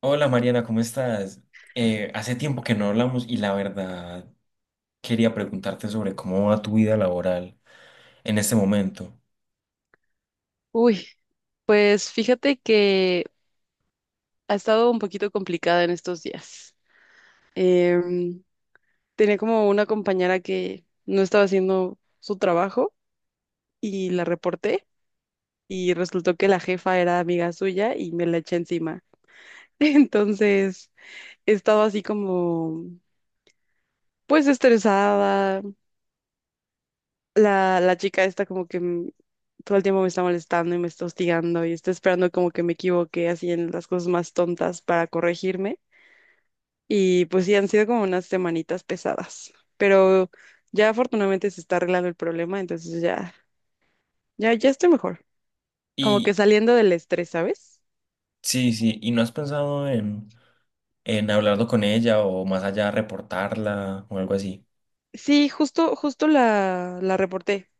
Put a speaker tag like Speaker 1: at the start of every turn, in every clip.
Speaker 1: Hola Mariana, ¿cómo estás? Hace tiempo que no hablamos y la verdad quería preguntarte sobre cómo va tu vida laboral en este momento.
Speaker 2: Uy, pues fíjate que ha estado un poquito complicada en estos días. Em, Tenía como una compañera que no estaba haciendo su trabajo y la reporté y resultó que la jefa era amiga suya y me la eché encima. Entonces, he estado así como, pues estresada. La chica está como que todo el tiempo me está molestando y me está hostigando y está esperando como que me equivoque así en las cosas más tontas para corregirme. Y pues sí, han sido como unas semanitas pesadas, pero ya afortunadamente se está arreglando el problema, entonces ya, ya, ya estoy mejor, como que
Speaker 1: Y
Speaker 2: saliendo del estrés, ¿sabes?
Speaker 1: sí, sí, ¿y no has pensado en, hablarlo con ella o más allá reportarla o algo así?
Speaker 2: Sí, justo, justo la reporté,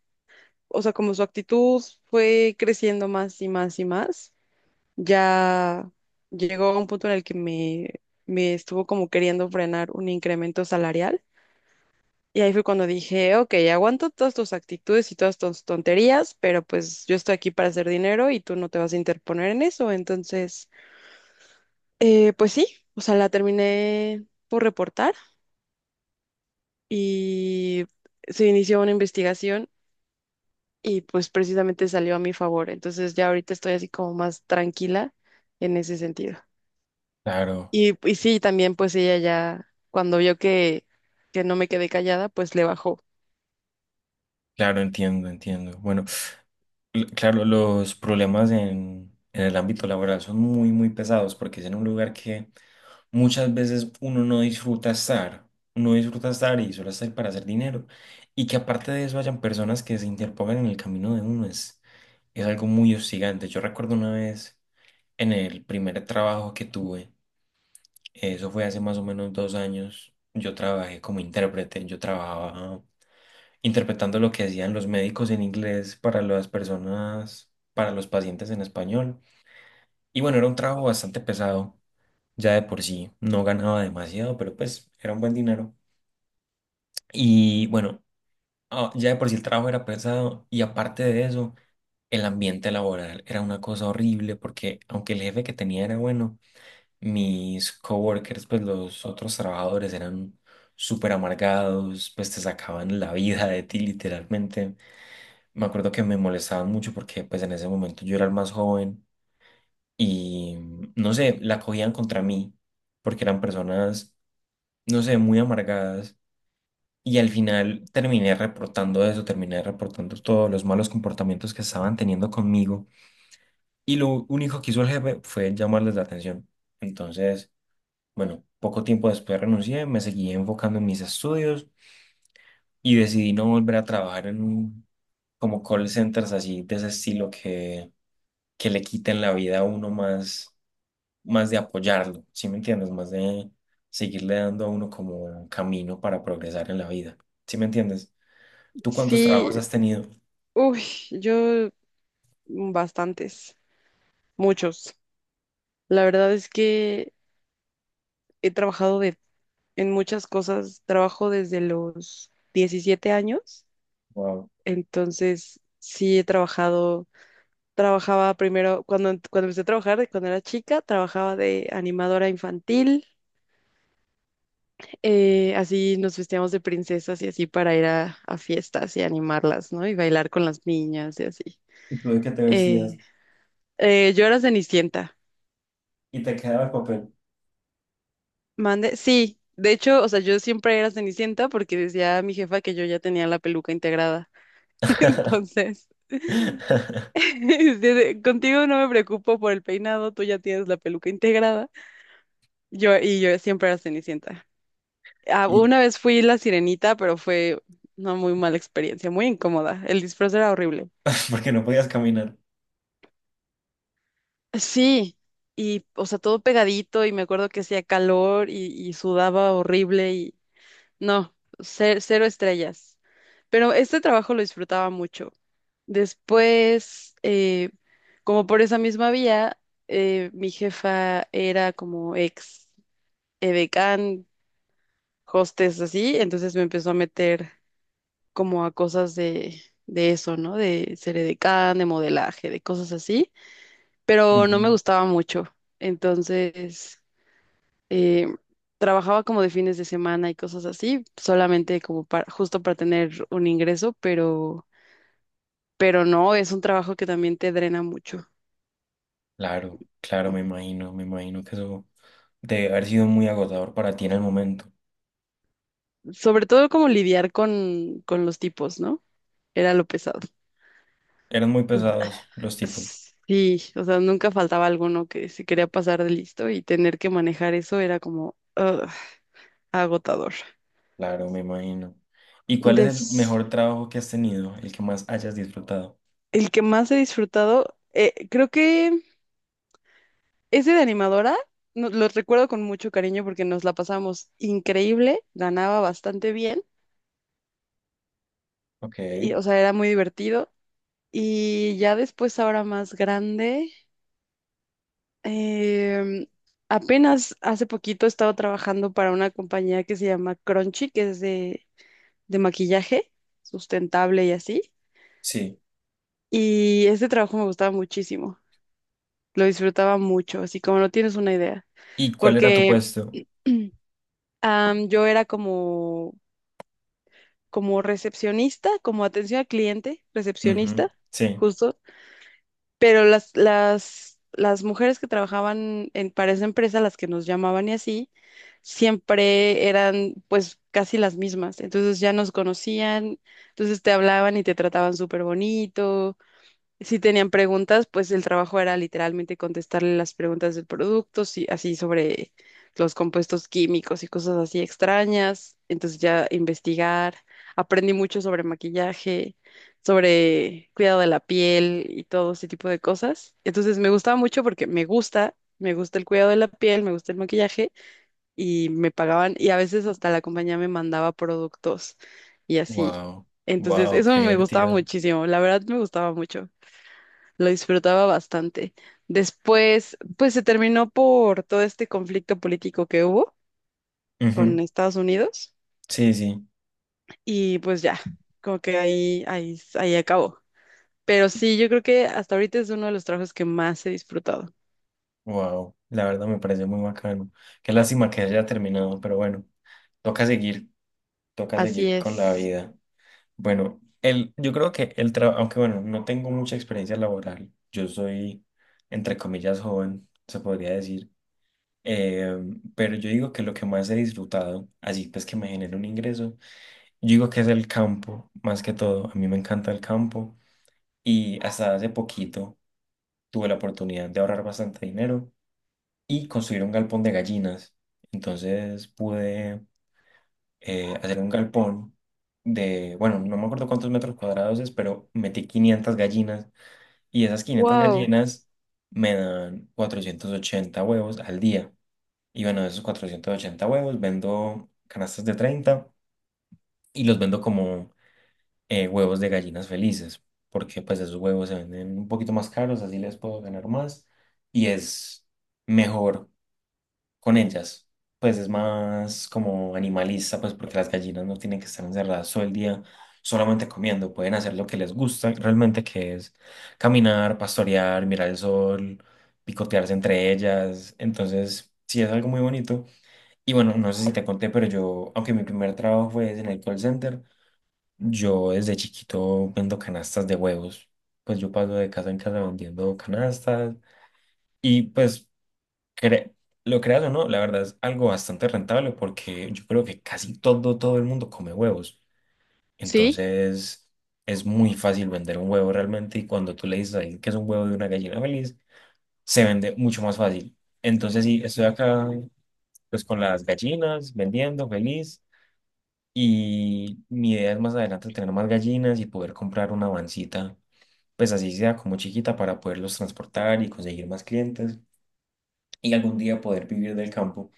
Speaker 2: o sea, como su actitud fue creciendo más y más y más, ya llegó a un punto en el que me estuvo como queriendo frenar un incremento salarial. Y ahí fue cuando dije, ok, aguanto todas tus actitudes y todas tus tonterías, pero pues yo estoy aquí para hacer dinero y tú no te vas a interponer en eso. Entonces, pues sí, o sea, la terminé por reportar y se inició una investigación y pues precisamente salió a mi favor. Entonces ya ahorita estoy así como más tranquila en ese sentido.
Speaker 1: Claro,
Speaker 2: Y sí, también pues ella ya, cuando vio que no me quedé callada, pues le bajó.
Speaker 1: claro, entiendo, entiendo. Bueno, claro, los problemas en el ámbito laboral son muy, muy pesados porque es en un lugar que muchas veces uno no disfruta estar, uno disfruta estar y solo estar para hacer dinero. Y que aparte de eso hayan personas que se interpongan en el camino de uno es algo muy hostigante. Yo recuerdo una vez en el primer trabajo que tuve, eso fue hace más o menos 2 años. Yo trabajé como intérprete, yo trabajaba interpretando lo que hacían los médicos en inglés para las personas, para los pacientes en español. Y bueno, era un trabajo bastante pesado. Ya de por sí no ganaba demasiado, pero pues era un buen dinero. Y bueno, ya de por sí el trabajo era pesado y aparte de eso, el ambiente laboral era una cosa horrible porque aunque el jefe que tenía era bueno, mis coworkers, pues los otros trabajadores eran súper amargados, pues te sacaban la vida de ti literalmente. Me acuerdo que me molestaban mucho porque pues en ese momento yo era el más joven y no sé, la cogían contra mí porque eran personas no sé, muy amargadas. Y al final terminé reportando eso, terminé reportando todos los malos comportamientos que estaban teniendo conmigo. Y lo único que hizo el jefe fue llamarles la atención. Entonces, bueno, poco tiempo después renuncié, me seguí enfocando en mis estudios y decidí no volver a trabajar en como call centers así de ese estilo que le quiten la vida a uno más de apoyarlo, ¿sí me entiendes? Más de seguirle dando a uno como un camino para progresar en la vida. ¿Sí me entiendes? ¿Tú cuántos trabajos
Speaker 2: Sí,
Speaker 1: has tenido?
Speaker 2: uy, yo... Bastantes, muchos. La verdad es que he trabajado en muchas cosas. Trabajo desde los 17 años,
Speaker 1: Wow.
Speaker 2: entonces sí he trabajado. Trabajaba primero, cuando, cuando empecé a trabajar, de cuando era chica, trabajaba de animadora infantil. Así nos vestíamos de princesas y así para ir a fiestas y animarlas, ¿no? Y bailar con las niñas y así.
Speaker 1: ¿Y tú de qué te
Speaker 2: Eh,
Speaker 1: vestías?
Speaker 2: yo era Cenicienta.
Speaker 1: Y te quedaba el papel.
Speaker 2: Mande, sí, de hecho, o sea, yo siempre era Cenicienta porque decía mi jefa que yo ya tenía la peluca integrada. Entonces, dice, contigo no me preocupo por el peinado, tú ya tienes la peluca integrada. Yo siempre era Cenicienta. Ah,
Speaker 1: Y
Speaker 2: una vez fui la Sirenita, pero fue una muy mala experiencia, muy incómoda. El disfraz era horrible.
Speaker 1: porque no podías caminar.
Speaker 2: Sí, y o sea, todo pegadito y me acuerdo que hacía calor y sudaba horrible y no, cero estrellas. Pero este trabajo lo disfrutaba mucho. Después, como por esa misma vía, mi jefa era como ex edecán, hostes así, entonces me empezó a meter como a cosas de eso, ¿no? De ser edecán, de modelaje, de cosas así, pero no me
Speaker 1: Ujú.
Speaker 2: gustaba mucho. Entonces eh, trabajaba como de fines de semana y cosas así, solamente como para, justo para tener un ingreso, pero no, es un trabajo que también te drena mucho.
Speaker 1: Claro, claro, me imagino que eso debe haber sido muy agotador para ti en el momento.
Speaker 2: Sobre todo como lidiar con los tipos, ¿no? Era lo pesado.
Speaker 1: Eran muy pesados los tipos.
Speaker 2: Sí, o sea, nunca faltaba alguno que se quería pasar de listo y tener que manejar eso era como ugh, agotador.
Speaker 1: Claro, me imagino. ¿Y cuál es el
Speaker 2: Des-
Speaker 1: mejor trabajo que has tenido, el que más hayas disfrutado?
Speaker 2: el que más he disfrutado, creo que ese de animadora, lo recuerdo con mucho cariño porque nos la pasamos increíble, ganaba bastante bien,
Speaker 1: Ok,
Speaker 2: y, o sea, era muy divertido. Y ya después, ahora más grande, em, apenas hace poquito he estado trabajando para una compañía que se llama Crunchy, que es de, maquillaje sustentable y así.
Speaker 1: sí.
Speaker 2: Y este trabajo me gustaba muchísimo, lo disfrutaba mucho, así como no tienes una idea,
Speaker 1: ¿Y cuál era tu
Speaker 2: porque...
Speaker 1: puesto?
Speaker 2: Yo era como recepcionista, como atención al cliente,
Speaker 1: Ujú,
Speaker 2: recepcionista,
Speaker 1: sí.
Speaker 2: justo, pero las mujeres que trabajaban para esa empresa, las que nos llamaban y así, siempre eran pues casi las mismas, entonces ya nos conocían, entonces te hablaban y te trataban súper bonito si tenían preguntas, pues el trabajo era literalmente contestarle las preguntas del producto, sí, así sobre los compuestos químicos y cosas así extrañas. Entonces ya investigar, aprendí mucho sobre maquillaje, sobre cuidado de la piel y todo ese tipo de cosas. Entonces me gustaba mucho porque me gusta el cuidado de la piel, me gusta el maquillaje y me pagaban y a veces hasta la compañía me mandaba productos y así.
Speaker 1: Wow,
Speaker 2: Entonces
Speaker 1: wow,
Speaker 2: eso
Speaker 1: qué
Speaker 2: me gustaba
Speaker 1: divertido.
Speaker 2: muchísimo, la verdad me gustaba mucho, lo disfrutaba bastante. Después, pues se terminó por todo este conflicto político que hubo con
Speaker 1: Ujú,
Speaker 2: Estados Unidos
Speaker 1: sí, sí.
Speaker 2: y pues ya, como que ahí acabó. Pero sí, yo creo que hasta ahorita es uno de los trabajos que más he disfrutado.
Speaker 1: Wow, la verdad me parece muy bacano. Qué lástima que haya terminado, pero bueno, toca seguir, toca
Speaker 2: Así
Speaker 1: seguir con la
Speaker 2: es.
Speaker 1: vida. Bueno, el, yo creo que el trabajo, aunque bueno, no tengo mucha experiencia laboral, yo soy, entre comillas, joven, se podría decir, eh, pero yo digo que lo que más he disfrutado, así pues que me genera un ingreso, yo digo que es el campo, más que todo. A mí me encanta el campo y hasta hace poquito tuve la oportunidad de ahorrar bastante dinero y construir un galpón de gallinas. Entonces pude hacer un galpón de, bueno, no me acuerdo cuántos metros cuadrados es, pero metí 500 gallinas y esas quinientas
Speaker 2: Wow.
Speaker 1: gallinas me dan 480 huevos al día. Y bueno, de esos 480 huevos vendo canastas de 30 y los vendo como huevos de gallinas felices, porque pues esos huevos se venden un poquito más caros, así les puedo ganar más y es mejor con ellas. Pues es más como animalista, pues porque las gallinas no tienen que estar encerradas todo el día solamente comiendo, pueden hacer lo que les gusta realmente, que es caminar, pastorear, mirar el sol, picotearse entre ellas. Entonces, sí es algo muy bonito. Y bueno, no sé si te conté, pero yo, aunque mi primer trabajo fue en el call center, yo desde chiquito vendo canastas de huevos. Pues yo paso de casa en casa vendiendo canastas. Y pues Cre- lo creas o no, la verdad es algo bastante rentable porque yo creo que casi todo, todo el mundo come huevos.
Speaker 2: Sí,
Speaker 1: Entonces es muy fácil vender un huevo realmente y cuando tú le dices a alguien que es un huevo de una gallina feliz, se vende mucho más fácil. Entonces sí, estoy acá pues con las gallinas, vendiendo feliz y mi idea es más adelante tener más gallinas y poder comprar una vancita, pues así sea como chiquita para poderlos transportar y conseguir más clientes y algún día poder vivir del campo.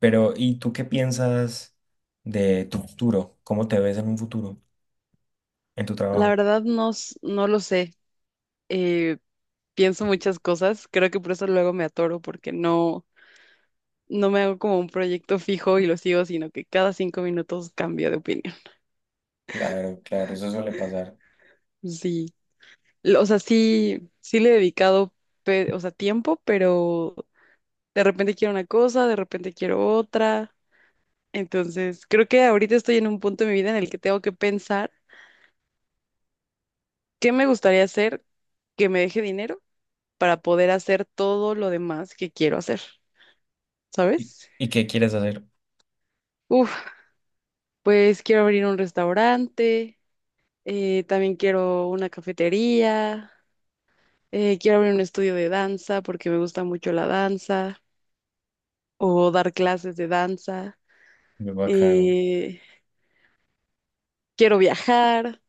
Speaker 1: Pero, ¿y tú qué piensas de tu futuro? ¿Cómo te ves en un futuro, en tu
Speaker 2: la
Speaker 1: trabajo?
Speaker 2: verdad no lo sé. Eh, pienso muchas cosas. Creo que por eso luego me atoro porque no me hago como un proyecto fijo y lo sigo, sino que cada 5 minutos cambio de opinión.
Speaker 1: Claro, claro, eso suele pasar.
Speaker 2: Sí. O sea, sí, sí le he dedicado, o sea, tiempo, pero de repente quiero una cosa, de repente quiero otra. Entonces, creo que ahorita estoy en un punto de mi vida en el que tengo que pensar qué me gustaría hacer que me deje dinero para poder hacer todo lo demás que quiero hacer,
Speaker 1: ¿Y,
Speaker 2: ¿sabes?
Speaker 1: y qué quieres hacer?
Speaker 2: Uf, pues quiero abrir un restaurante, también quiero una cafetería, quiero abrir un estudio de danza porque me gusta mucho la danza o dar clases de danza.
Speaker 1: Muy bacano.
Speaker 2: eh, Quiero viajar,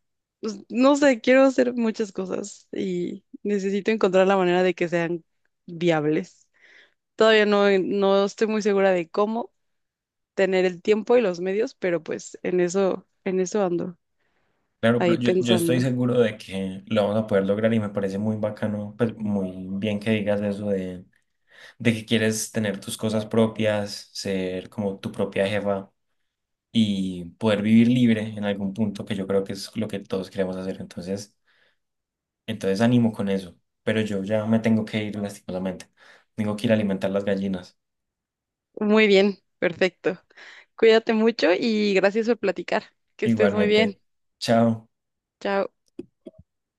Speaker 2: pues, no sé, quiero hacer muchas cosas y necesito encontrar la manera de que sean viables. Todavía no estoy muy segura de cómo tener el tiempo y los medios, pero pues en eso ando,
Speaker 1: Claro, pero
Speaker 2: ahí
Speaker 1: yo estoy
Speaker 2: pensando.
Speaker 1: seguro de que lo vamos a poder lograr y me parece muy bacano, pues muy bien que digas eso de, que quieres tener tus cosas propias, ser como tu propia jefa y poder vivir libre en algún punto, que yo creo que es lo que todos queremos hacer. Entonces, entonces animo con eso, pero yo ya me tengo que ir lastimosamente. Tengo que ir a alimentar las gallinas.
Speaker 2: Muy bien, perfecto. Cuídate mucho y gracias por platicar. Que estés muy
Speaker 1: Igualmente.
Speaker 2: bien.
Speaker 1: Chao.
Speaker 2: Chao.